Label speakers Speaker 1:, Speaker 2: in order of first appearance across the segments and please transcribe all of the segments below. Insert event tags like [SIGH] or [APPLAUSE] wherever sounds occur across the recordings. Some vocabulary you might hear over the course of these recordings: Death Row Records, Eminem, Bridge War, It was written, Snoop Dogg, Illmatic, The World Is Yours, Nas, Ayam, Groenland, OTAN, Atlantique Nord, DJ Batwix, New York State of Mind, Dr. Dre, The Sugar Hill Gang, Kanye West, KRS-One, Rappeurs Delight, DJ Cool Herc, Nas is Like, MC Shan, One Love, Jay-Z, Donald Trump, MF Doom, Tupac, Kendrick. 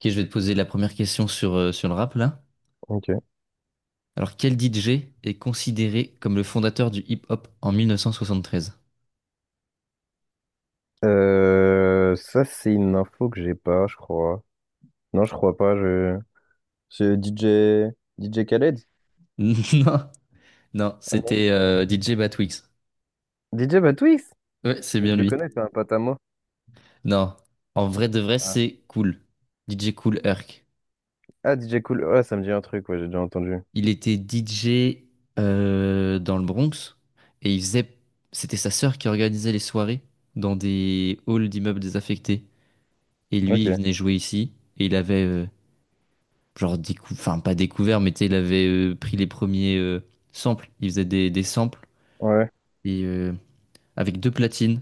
Speaker 1: Ok, je vais te poser la première question sur, sur le rap là.
Speaker 2: Ok.
Speaker 1: Alors, quel DJ est considéré comme le fondateur du hip-hop en 1973?
Speaker 2: Ça, c'est une info que j'ai pas, je crois. Non, je crois pas. C'est DJ Khaled?
Speaker 1: [LAUGHS] Non, non,
Speaker 2: Ah non.
Speaker 1: c'était DJ Batwix.
Speaker 2: DJ Batwix?
Speaker 1: Ouais, c'est
Speaker 2: Je
Speaker 1: bien
Speaker 2: le
Speaker 1: lui.
Speaker 2: connais, c'est un pote à moi.
Speaker 1: Non, en vrai de vrai,
Speaker 2: Ah,
Speaker 1: c'est Cool. DJ Cool Herc.
Speaker 2: ah, DJ Cool. Ouais, ça me dit un truc, ouais, j'ai déjà entendu.
Speaker 1: Il était DJ dans le Bronx et il faisait. C'était sa sœur qui organisait les soirées dans des halls d'immeubles désaffectés. Et lui,
Speaker 2: Ok.
Speaker 1: il venait jouer ici et il avait genre décou enfin pas découvert, mais tu sais il avait pris les premiers samples. Il faisait des samples
Speaker 2: Ouais.
Speaker 1: et avec deux platines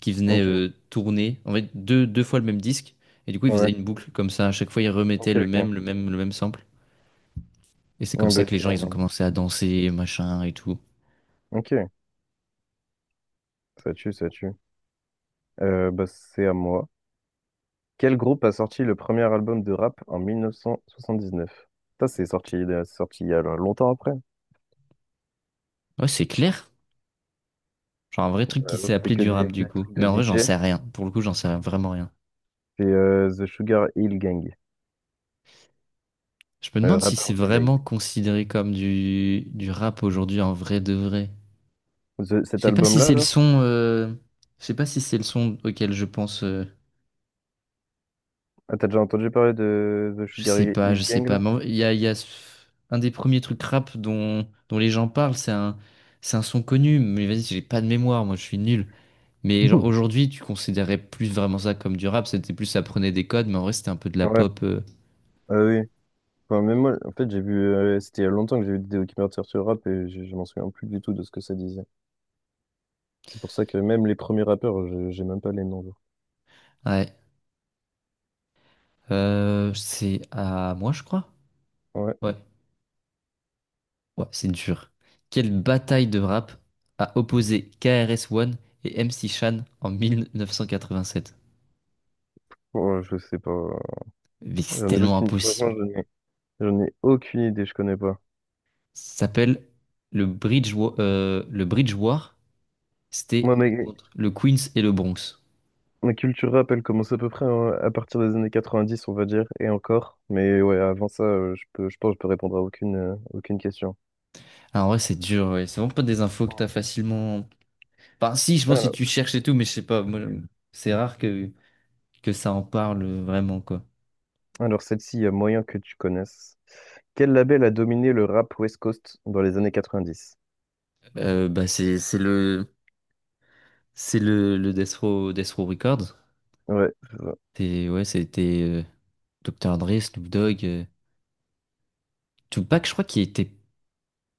Speaker 1: qui venaient
Speaker 2: Ok.
Speaker 1: tourner en fait deux fois le même disque, et du coup il faisait
Speaker 2: Ouais.
Speaker 1: une boucle comme ça. À chaque fois il remettait
Speaker 2: Ok,
Speaker 1: le
Speaker 2: ok.
Speaker 1: même le même le même sample, et c'est comme
Speaker 2: Ah, bah,
Speaker 1: ça que les gens ils
Speaker 2: ok.
Speaker 1: ont commencé à danser machin et tout.
Speaker 2: Ok. Ça tue, ça tue. Bah, c'est à moi. Quel groupe a sorti le premier album de rap en 1979? Ça, c'est sorti il y a longtemps après.
Speaker 1: Ouais, c'est clair, genre un vrai truc qui s'est
Speaker 2: C'était
Speaker 1: appelé
Speaker 2: que
Speaker 1: du
Speaker 2: des,
Speaker 1: rap
Speaker 2: que
Speaker 1: du
Speaker 2: des
Speaker 1: coup,
Speaker 2: trucs
Speaker 1: mais
Speaker 2: de
Speaker 1: en vrai j'en
Speaker 2: DJ.
Speaker 1: sais rien. Pour le coup j'en sais vraiment rien.
Speaker 2: C'est The Sugar Hill Gang,
Speaker 1: Je me demande si c'est
Speaker 2: Rappeurs Delight.
Speaker 1: vraiment considéré comme du rap aujourd'hui en vrai de vrai. Je
Speaker 2: Cet
Speaker 1: sais pas si
Speaker 2: album-là,
Speaker 1: c'est le
Speaker 2: là,
Speaker 1: son. Je sais pas si c'est le son auquel je pense.
Speaker 2: ah, t'as déjà entendu parler de The
Speaker 1: Je
Speaker 2: Sugar
Speaker 1: sais pas,
Speaker 2: Hill
Speaker 1: je sais
Speaker 2: Gang, là?
Speaker 1: pas. Mais il y a un des premiers trucs rap dont les gens parlent. C'est un son connu. Mais vas-y, j'ai pas de mémoire. Moi, je suis nul. Mais genre,
Speaker 2: Mhm.
Speaker 1: aujourd'hui, tu considérais plus vraiment ça comme du rap. C'était plus, ça prenait des codes, mais en vrai, c'était un peu de la
Speaker 2: Ouais,
Speaker 1: pop.
Speaker 2: ah oui. Enfin, même moi, en fait, j'ai vu, c'était il y a longtemps que j'ai vu des documentaires sur le rap et je m'en souviens plus du tout de ce que ça disait. C'est pour ça que même les premiers rappeurs, j'ai même pas les noms, genre.
Speaker 1: Ouais. C'est à moi, je crois.
Speaker 2: Ouais,
Speaker 1: Ouais. Ouais, c'est dur. Quelle bataille de rap a opposé KRS-One et MC Shan en 1987?
Speaker 2: bon, je sais pas.
Speaker 1: Mais c'est
Speaker 2: J'en ai
Speaker 1: tellement
Speaker 2: aucune, franchement,
Speaker 1: impossible.
Speaker 2: j'en ai, j'en ai aucune idée, je connais pas.
Speaker 1: Ça s'appelle le Bridge, le Bridge War. C'était
Speaker 2: Moi, mec,
Speaker 1: contre le Queens et le Bronx.
Speaker 2: la culture rap, elle commence à peu près hein, à partir des années 90, on va dire, et encore. Mais ouais, avant ça, je pense que je peux répondre à aucune, aucune question.
Speaker 1: Alors, en vrai, c'est dur, ouais. C'est vraiment pas des infos que t'as facilement. Enfin, si, je pense que si
Speaker 2: Alors,
Speaker 1: tu cherches et tout, mais je sais pas. Moi, c'est rare que ça en parle vraiment, quoi.
Speaker 2: alors celle-ci, il y a moyen que tu connaisses. Quel label a dominé le rap West Coast dans les années 90?
Speaker 1: Bah, le Death Row, Death Row Records.
Speaker 2: Ouais, c'est ça.
Speaker 1: C'est, ouais, c'était Dr. Dre, Snoop Dogg, Tupac, je crois qu'il était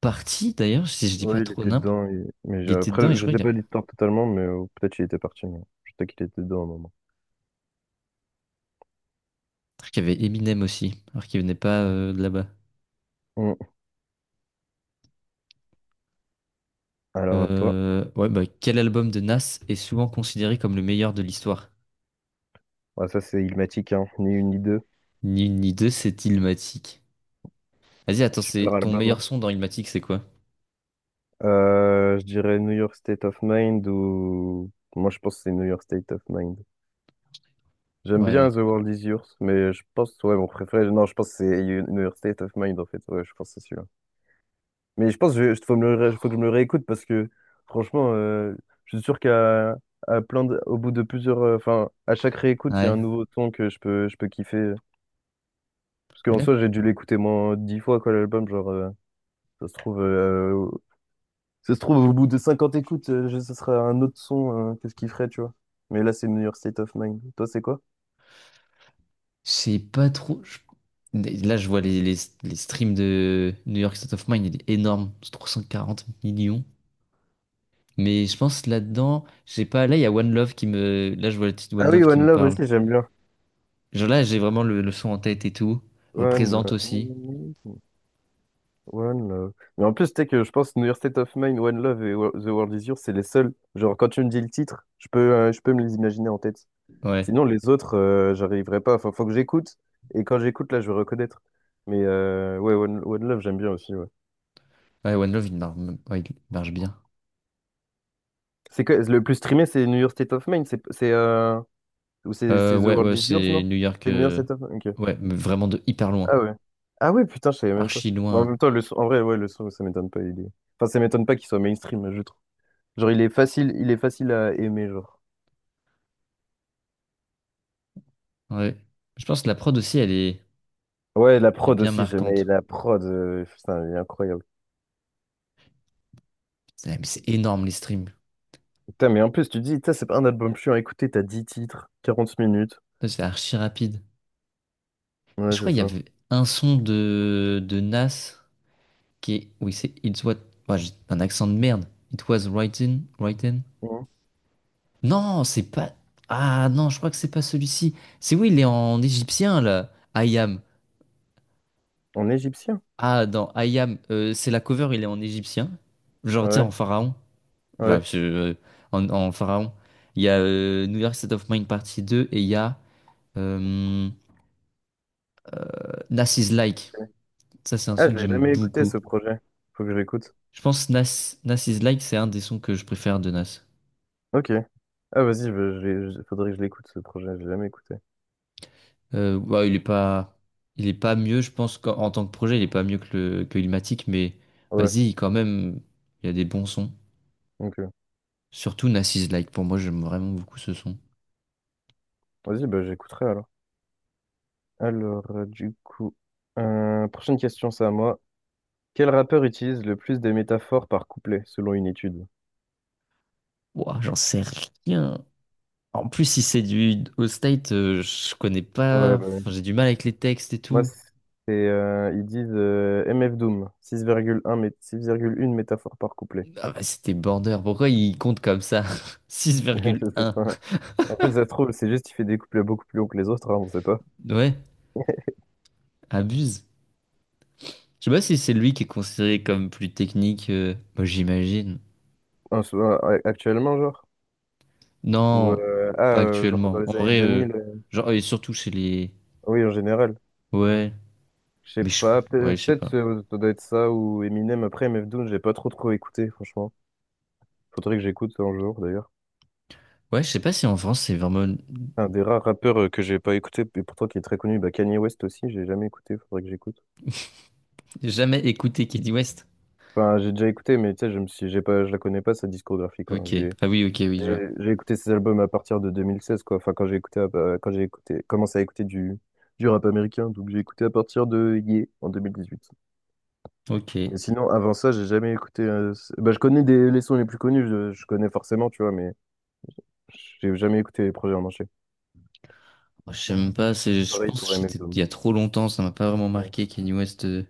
Speaker 1: parti d'ailleurs, si je dis pas
Speaker 2: Ouais, il
Speaker 1: trop
Speaker 2: était
Speaker 1: nimp.
Speaker 2: dedans. Mais
Speaker 1: Il était dedans et
Speaker 2: après,
Speaker 1: je
Speaker 2: je
Speaker 1: crois
Speaker 2: sais
Speaker 1: qu'il a
Speaker 2: pas l'histoire totalement, mais peut-être qu'il était parti. Mais je sais qu'il était dedans à un moment.
Speaker 1: truc, il y avait Eminem aussi, alors qu'il venait pas de là-bas.
Speaker 2: Hum. Alors à toi.
Speaker 1: Ouais, bah, quel album de Nas est souvent considéré comme le meilleur de l'histoire?
Speaker 2: Ouais, ça, c'est Illmatic, hein. Ni une ni deux.
Speaker 1: Ni une ni deux, c'est Illmatic. Vas-y, attends,
Speaker 2: Super
Speaker 1: c'est ton meilleur
Speaker 2: album.
Speaker 1: son dans Illmatic, c'est quoi?
Speaker 2: Je dirais New York State of Mind ou... Moi, je pense que c'est New York State of Mind. J'aime bien
Speaker 1: Ouais.
Speaker 2: The World Is Yours, mais je pense, ouais, mon préféré... Non, je pense que c'est New York State of Mind, en fait. Ouais, je pense que c'est celui-là. Mais je pense que je faut me le ré- faut que je me le réécoute parce que, franchement, je suis sûr qu'à à au bout de plusieurs... Enfin, à chaque réécoute, il y a
Speaker 1: Ouais.
Speaker 2: un nouveau ton que je peux kiffer. Parce
Speaker 1: Mais
Speaker 2: qu'en
Speaker 1: là, je
Speaker 2: soi, j'ai dû l'écouter moins 10 fois, quoi, l'album. Ça se trouve... euh, Ça se trouve, au bout de 50 écoutes, ce serait un autre son, qu'est-ce qu'il ferait, tu vois. Mais là, c'est New York State of Mind. Toi, c'est quoi?
Speaker 1: sais pas trop. Là, je vois les streams de New York State of Mind, il est énorme. C'est 340 millions. Mais je pense là-dedans, j'ai pas. Là, il y a One Love qui me. Là, je vois le titre
Speaker 2: Ah
Speaker 1: One
Speaker 2: oui,
Speaker 1: Love qui
Speaker 2: One
Speaker 1: me
Speaker 2: Love
Speaker 1: parle.
Speaker 2: aussi, j'aime bien.
Speaker 1: Genre là, j'ai vraiment le son en tête et tout.
Speaker 2: One
Speaker 1: Représente aussi.
Speaker 2: Love. One Love. Mais en plus, tu sais que je pense New York State of Mind, One Love et The World Is Yours, c'est les seuls. Genre, quand tu me dis le titre, je peux me les imaginer en tête.
Speaker 1: Ouais.
Speaker 2: Sinon, les autres, j'arriverai pas. Enfin, faut que j'écoute. Et quand j'écoute, là, je vais reconnaître. Mais ouais, One Love, j'aime bien aussi, ouais.
Speaker 1: Ouais, One Love, il marche, ouais, il marche bien.
Speaker 2: C'est que le plus streamé, c'est New York State of Mind. Ou c'est c'est The
Speaker 1: Ouais,
Speaker 2: World
Speaker 1: ouais,
Speaker 2: is Yours,
Speaker 1: c'est
Speaker 2: non?
Speaker 1: New York.
Speaker 2: C'est New York Ok.
Speaker 1: Ouais, mais vraiment de hyper loin.
Speaker 2: Ah ouais. Ah ouais, putain, je savais même pas.
Speaker 1: Archi
Speaker 2: Mais en
Speaker 1: loin.
Speaker 2: même temps, en vrai, ouais, le son, ça m'étonne pas. Il est... Enfin, ça m'étonne pas qu'il soit mainstream, je trouve. Genre, il est facile à aimer, genre.
Speaker 1: Ouais. Je pense que la prod aussi,
Speaker 2: Ouais, la
Speaker 1: elle est
Speaker 2: prod
Speaker 1: bien
Speaker 2: aussi, j'aimais
Speaker 1: marquante.
Speaker 2: la prod. Putain, elle est incroyable.
Speaker 1: C'est mais c'est énorme les streams.
Speaker 2: Putain, mais en plus, tu te dis, putain, c'est pas un album chiant à écouter, t'as 10 titres, 40 minutes.
Speaker 1: Ça, c'est archi rapide.
Speaker 2: Ouais,
Speaker 1: Je crois
Speaker 2: c'est
Speaker 1: qu'il y
Speaker 2: ça.
Speaker 1: avait un son de Nas qui est. Oui, c'est It's What. Ouais, j'ai un accent de merde. It was written. Written.
Speaker 2: Mhm.
Speaker 1: Non, c'est pas. Ah non, je crois que c'est pas celui-ci. C'est oui, il est en égyptien là. I am.
Speaker 2: En égyptien?
Speaker 1: Ah, dans Ayam, c'est la cover, il est en égyptien. Genre, tu sais,
Speaker 2: Ouais,
Speaker 1: en pharaon. Enfin,
Speaker 2: ouais.
Speaker 1: je- euh, en, en pharaon. Il y a New York State of Mind partie deux, et il y a euh, Nas is Like. Ça, c'est un
Speaker 2: Ah,
Speaker 1: son
Speaker 2: je
Speaker 1: que
Speaker 2: l'ai
Speaker 1: j'aime
Speaker 2: jamais écouté,
Speaker 1: beaucoup.
Speaker 2: ce projet. Faut que je l'écoute.
Speaker 1: Je pense Nas is Like, c'est un des sons que je préfère de Nas.
Speaker 2: Ok. Ah, vas-y, faudrait que je l'écoute, ce projet, je l'ai jamais écouté.
Speaker 1: Ouais, il est pas mieux, je pense qu'en en tant que projet, il est pas mieux que Illmatic, mais
Speaker 2: Ouais.
Speaker 1: vas-y, quand même, il y a des bons sons.
Speaker 2: Ok.
Speaker 1: Surtout Nas is Like, pour moi, j'aime vraiment beaucoup ce son.
Speaker 2: Vas-y, bah, j'écouterai alors. Alors, du coup, prochaine question, c'est à moi. Quel rappeur utilise le plus des métaphores par couplet, selon une étude?
Speaker 1: Ouah, j'en sais rien. En plus, si c'est du au state, je connais pas.
Speaker 2: Ouais, bah, ouais.
Speaker 1: Enfin, j'ai du mal avec les textes et
Speaker 2: Moi,
Speaker 1: tout.
Speaker 2: c'est, ils disent MF Doom, 6,1 métaphore par couplet.
Speaker 1: Ah bah, c'était border. Pourquoi il compte comme ça? [LAUGHS] Six
Speaker 2: [LAUGHS]
Speaker 1: virgule
Speaker 2: Je sais
Speaker 1: un.
Speaker 2: pas. En fait, ça se trouve, c'est juste qu'il fait des couplets beaucoup plus longs que les autres, hein, on sait pas.
Speaker 1: Ouais, abuse. Je sais pas si c'est lui qui est considéré comme plus technique. Moi, j'imagine.
Speaker 2: Un- Actuellement, genre? Ou,
Speaker 1: Non, pas
Speaker 2: genre dans
Speaker 1: actuellement. En
Speaker 2: les années
Speaker 1: vrai,
Speaker 2: 2000,
Speaker 1: genre, et surtout chez les.
Speaker 2: oui, en général.
Speaker 1: Ouais,
Speaker 2: Je sais
Speaker 1: mais je.
Speaker 2: pas,
Speaker 1: Ouais, je sais pas.
Speaker 2: ça doit être ça ou Eminem après MF Doom, j'ai pas trop trop écouté, franchement. Faudrait que j'écoute un jour d'ailleurs.
Speaker 1: Ouais, je sais pas si en France c'est vraiment
Speaker 2: Un des rares rappeurs que j'ai pas écouté, et pourtant qui est très connu, bah Kanye West aussi, j'ai jamais écouté, faudrait que j'écoute.
Speaker 1: jamais écouté Kanye West.
Speaker 2: Enfin, j'ai déjà écouté, mais tu sais, je me suis, j'ai pas, je la connais pas sa discographie quoi.
Speaker 1: Ok. Ah oui, ok,
Speaker 2: J'ai
Speaker 1: oui, je vois.
Speaker 2: j'ai écouté ses albums à partir de 2016 quoi. Enfin, quand j'ai écouté, commencé à écouter du rap américain, donc j'ai écouté à partir de Ye en 2018.
Speaker 1: Ok.
Speaker 2: Mais sinon, avant ça, j'ai jamais écouté. Bah, je connais les sons les plus connus, je connais forcément, tu vois, mais j'ai jamais écouté les projets en entier.
Speaker 1: Je sais même pas, c'est, je
Speaker 2: Pareil
Speaker 1: pense
Speaker 2: pour
Speaker 1: que
Speaker 2: MF
Speaker 1: c'était il y
Speaker 2: Doom.
Speaker 1: a trop longtemps, ça m'a pas vraiment
Speaker 2: Ouais,
Speaker 1: marqué Kanye West.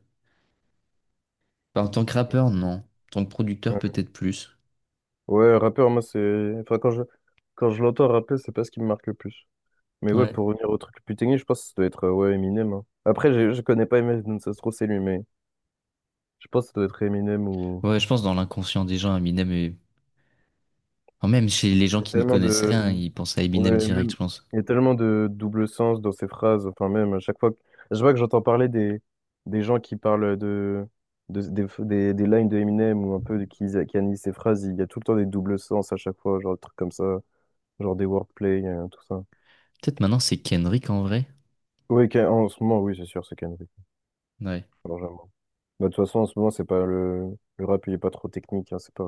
Speaker 1: Enfin, en tant que rappeur, non. En tant que producteur,
Speaker 2: ouais.
Speaker 1: peut-être plus.
Speaker 2: Ouais, rappeur, moi, c'est. Enfin, quand je l'entends rapper, c'est pas ce qui me marque le plus. Mais ouais,
Speaker 1: Ouais.
Speaker 2: pour revenir au truc plus technique, je pense que ça doit être ouais, Eminem, hein. Après, je connais pas Eminem Doom, ça se trouve, c'est lui, mais je pense que ça doit être Eminem ou.
Speaker 1: Ouais, je pense dans l'inconscient des gens, Eminem est... enfin, même chez les
Speaker 2: Il
Speaker 1: gens
Speaker 2: y a
Speaker 1: qui n'y
Speaker 2: tellement
Speaker 1: connaissent
Speaker 2: de,
Speaker 1: rien, ils pensent à Eminem
Speaker 2: Ouais,
Speaker 1: direct,
Speaker 2: même,
Speaker 1: je pense.
Speaker 2: il y a tellement de double sens dans ces phrases. Enfin, même, à chaque fois que je vois que j'entends parler des gens qui parlent des lines de Eminem ou un peu qui analysent ces phrases, il y a tout le temps des doubles sens à chaque fois, genre des trucs comme ça, genre des wordplay, tout ça.
Speaker 1: Peut-être maintenant c'est Kendrick en vrai.
Speaker 2: Oui, en ce moment, oui, c'est sûr, c'est Kendrick.
Speaker 1: Ouais.
Speaker 2: Alors, j'avoue. Bah, de toute façon, en ce moment, c'est pas le rap, il est pas trop technique, hein, c'est pas,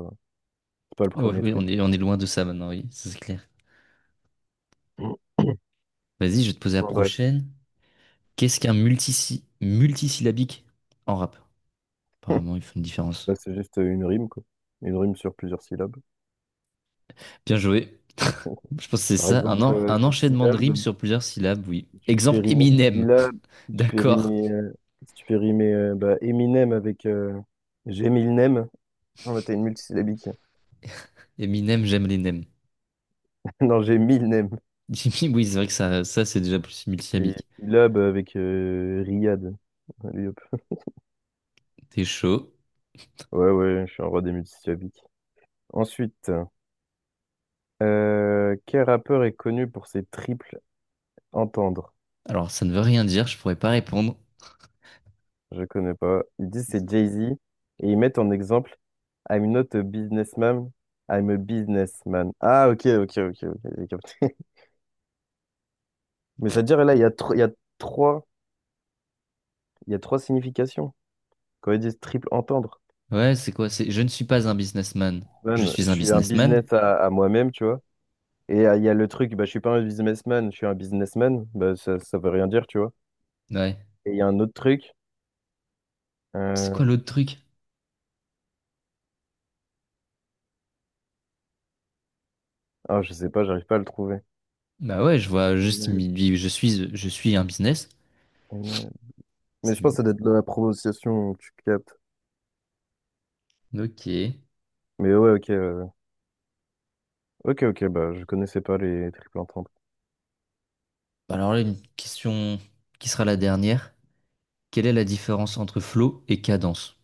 Speaker 2: c'est pas le
Speaker 1: Ouais,
Speaker 2: premier
Speaker 1: oui,
Speaker 2: truc.
Speaker 1: on est loin de ça maintenant, oui, ça, c'est clair.
Speaker 2: [CLEARS THROAT]
Speaker 1: Vas-y, je vais te poser la
Speaker 2: Bon, bref,
Speaker 1: prochaine. Qu'est-ce qu'un multisyllabique en rap? Apparemment, ils font une
Speaker 2: là,
Speaker 1: différence.
Speaker 2: c'est juste une rime, quoi. Une rime sur plusieurs syllabes.
Speaker 1: Bien joué. Je pense que c'est
Speaker 2: Par
Speaker 1: ça,
Speaker 2: exemple,
Speaker 1: un enchaînement de rimes
Speaker 2: syllabe.
Speaker 1: sur plusieurs syllabes, oui.
Speaker 2: Si tu fais
Speaker 1: Exemple
Speaker 2: rimer
Speaker 1: Eminem,
Speaker 2: Stila,
Speaker 1: [LAUGHS]
Speaker 2: si tu fais
Speaker 1: d'accord.
Speaker 2: rimer, Si tu fais rimer bah, Eminem avec j'ai mille nems. Ah bah t'as une multisyllabique.
Speaker 1: Eminem, j'aime les nems.
Speaker 2: [LAUGHS] Non, j'ai mille nems.
Speaker 1: [LAUGHS] Jimmy, oui, c'est vrai que ça c'est déjà plus
Speaker 2: Et
Speaker 1: multisyllabique.
Speaker 2: Lab avec Riyad. Allez hop.
Speaker 1: T'es chaud.
Speaker 2: Ouais, ouais, je suis un roi des multisyllabiques. Ensuite, quel rappeur est connu pour ses triples entendre?
Speaker 1: Alors, ça ne veut rien dire, je pourrais pas répondre.
Speaker 2: Je connais pas. Ils disent c'est Jay-Z et ils mettent en exemple I'm not a businessman, I'm a businessman. Ah, ok, ok, ok, ok, j'ai capté. Mais c'est-à-dire, là, trois, il y a trois significations. Quand ils disent triple entendre,
Speaker 1: Ouais, c'est quoi? C'est je ne suis pas un businessman. Je
Speaker 2: man,
Speaker 1: suis
Speaker 2: je
Speaker 1: un
Speaker 2: suis un
Speaker 1: businessman?
Speaker 2: business à moi-même, tu vois. Et il y a le truc, bah, je suis pas un businessman, je suis un businessman, bah, ça veut rien dire, tu vois.
Speaker 1: Ouais.
Speaker 2: Et il y a un autre truc,
Speaker 1: C'est
Speaker 2: euh...
Speaker 1: quoi l'autre truc?
Speaker 2: ah, je sais pas, j'arrive pas à le trouver.
Speaker 1: Bah ouais, je vois juste, il
Speaker 2: Mal-
Speaker 1: me dit, je suis un business.
Speaker 2: mal. Mais je pense que
Speaker 1: Bon.
Speaker 2: ça doit être de la prononciation que tu captes.
Speaker 1: Ok.
Speaker 2: Mais ouais, ok, ok, ok, bah, je connaissais pas les triples entendre.
Speaker 1: Bah alors là, une question qui sera la dernière. Quelle est la différence entre flow et cadence?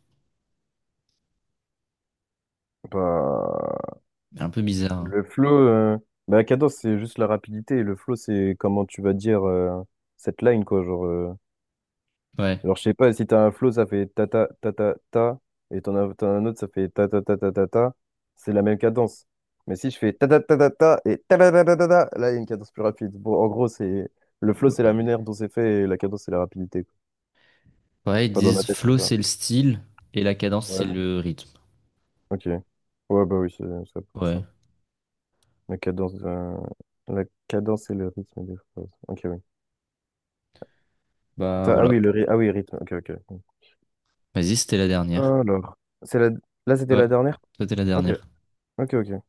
Speaker 2: Bah,
Speaker 1: Un peu bizarre, hein.
Speaker 2: Le flow, euh, bah, la cadence, c'est juste la rapidité. Et le flow, c'est comment tu vas dire cette line, quoi. Genre,
Speaker 1: Ouais.
Speaker 2: je sais pas, si t'as un flow, ça fait ta ta ta ta ta. Et t'en as un autre, ça fait ta ta ta ta ta ta. C'est la même cadence. Mais si je fais ta ta ta ta ta et ta ta ta ta ta, ta, là, il y a une cadence plus rapide. Bon, en gros, c'est le flow, c'est la manière dont c'est fait et la cadence, c'est la rapidité, quoi.
Speaker 1: Ouais, ils
Speaker 2: Enfin, dans ma
Speaker 1: disent
Speaker 2: tête, c'est
Speaker 1: flow,
Speaker 2: ça.
Speaker 1: c'est le style et la cadence, c'est
Speaker 2: Ouais,
Speaker 1: le rythme.
Speaker 2: ok. Ouais, bah oui, c'est à peu près ça.
Speaker 1: Ouais.
Speaker 2: La cadence, euh, la cadence et le rythme des phrases. Ok,
Speaker 1: Bah
Speaker 2: attends, ah
Speaker 1: voilà.
Speaker 2: oui, ah oui, rythme. Ok, ok.
Speaker 1: Vas-y, c'était la dernière.
Speaker 2: Alors, c'est la... là, c'était
Speaker 1: Ouais.
Speaker 2: la dernière?
Speaker 1: C'était la
Speaker 2: Ok,
Speaker 1: dernière.
Speaker 2: ok, ok.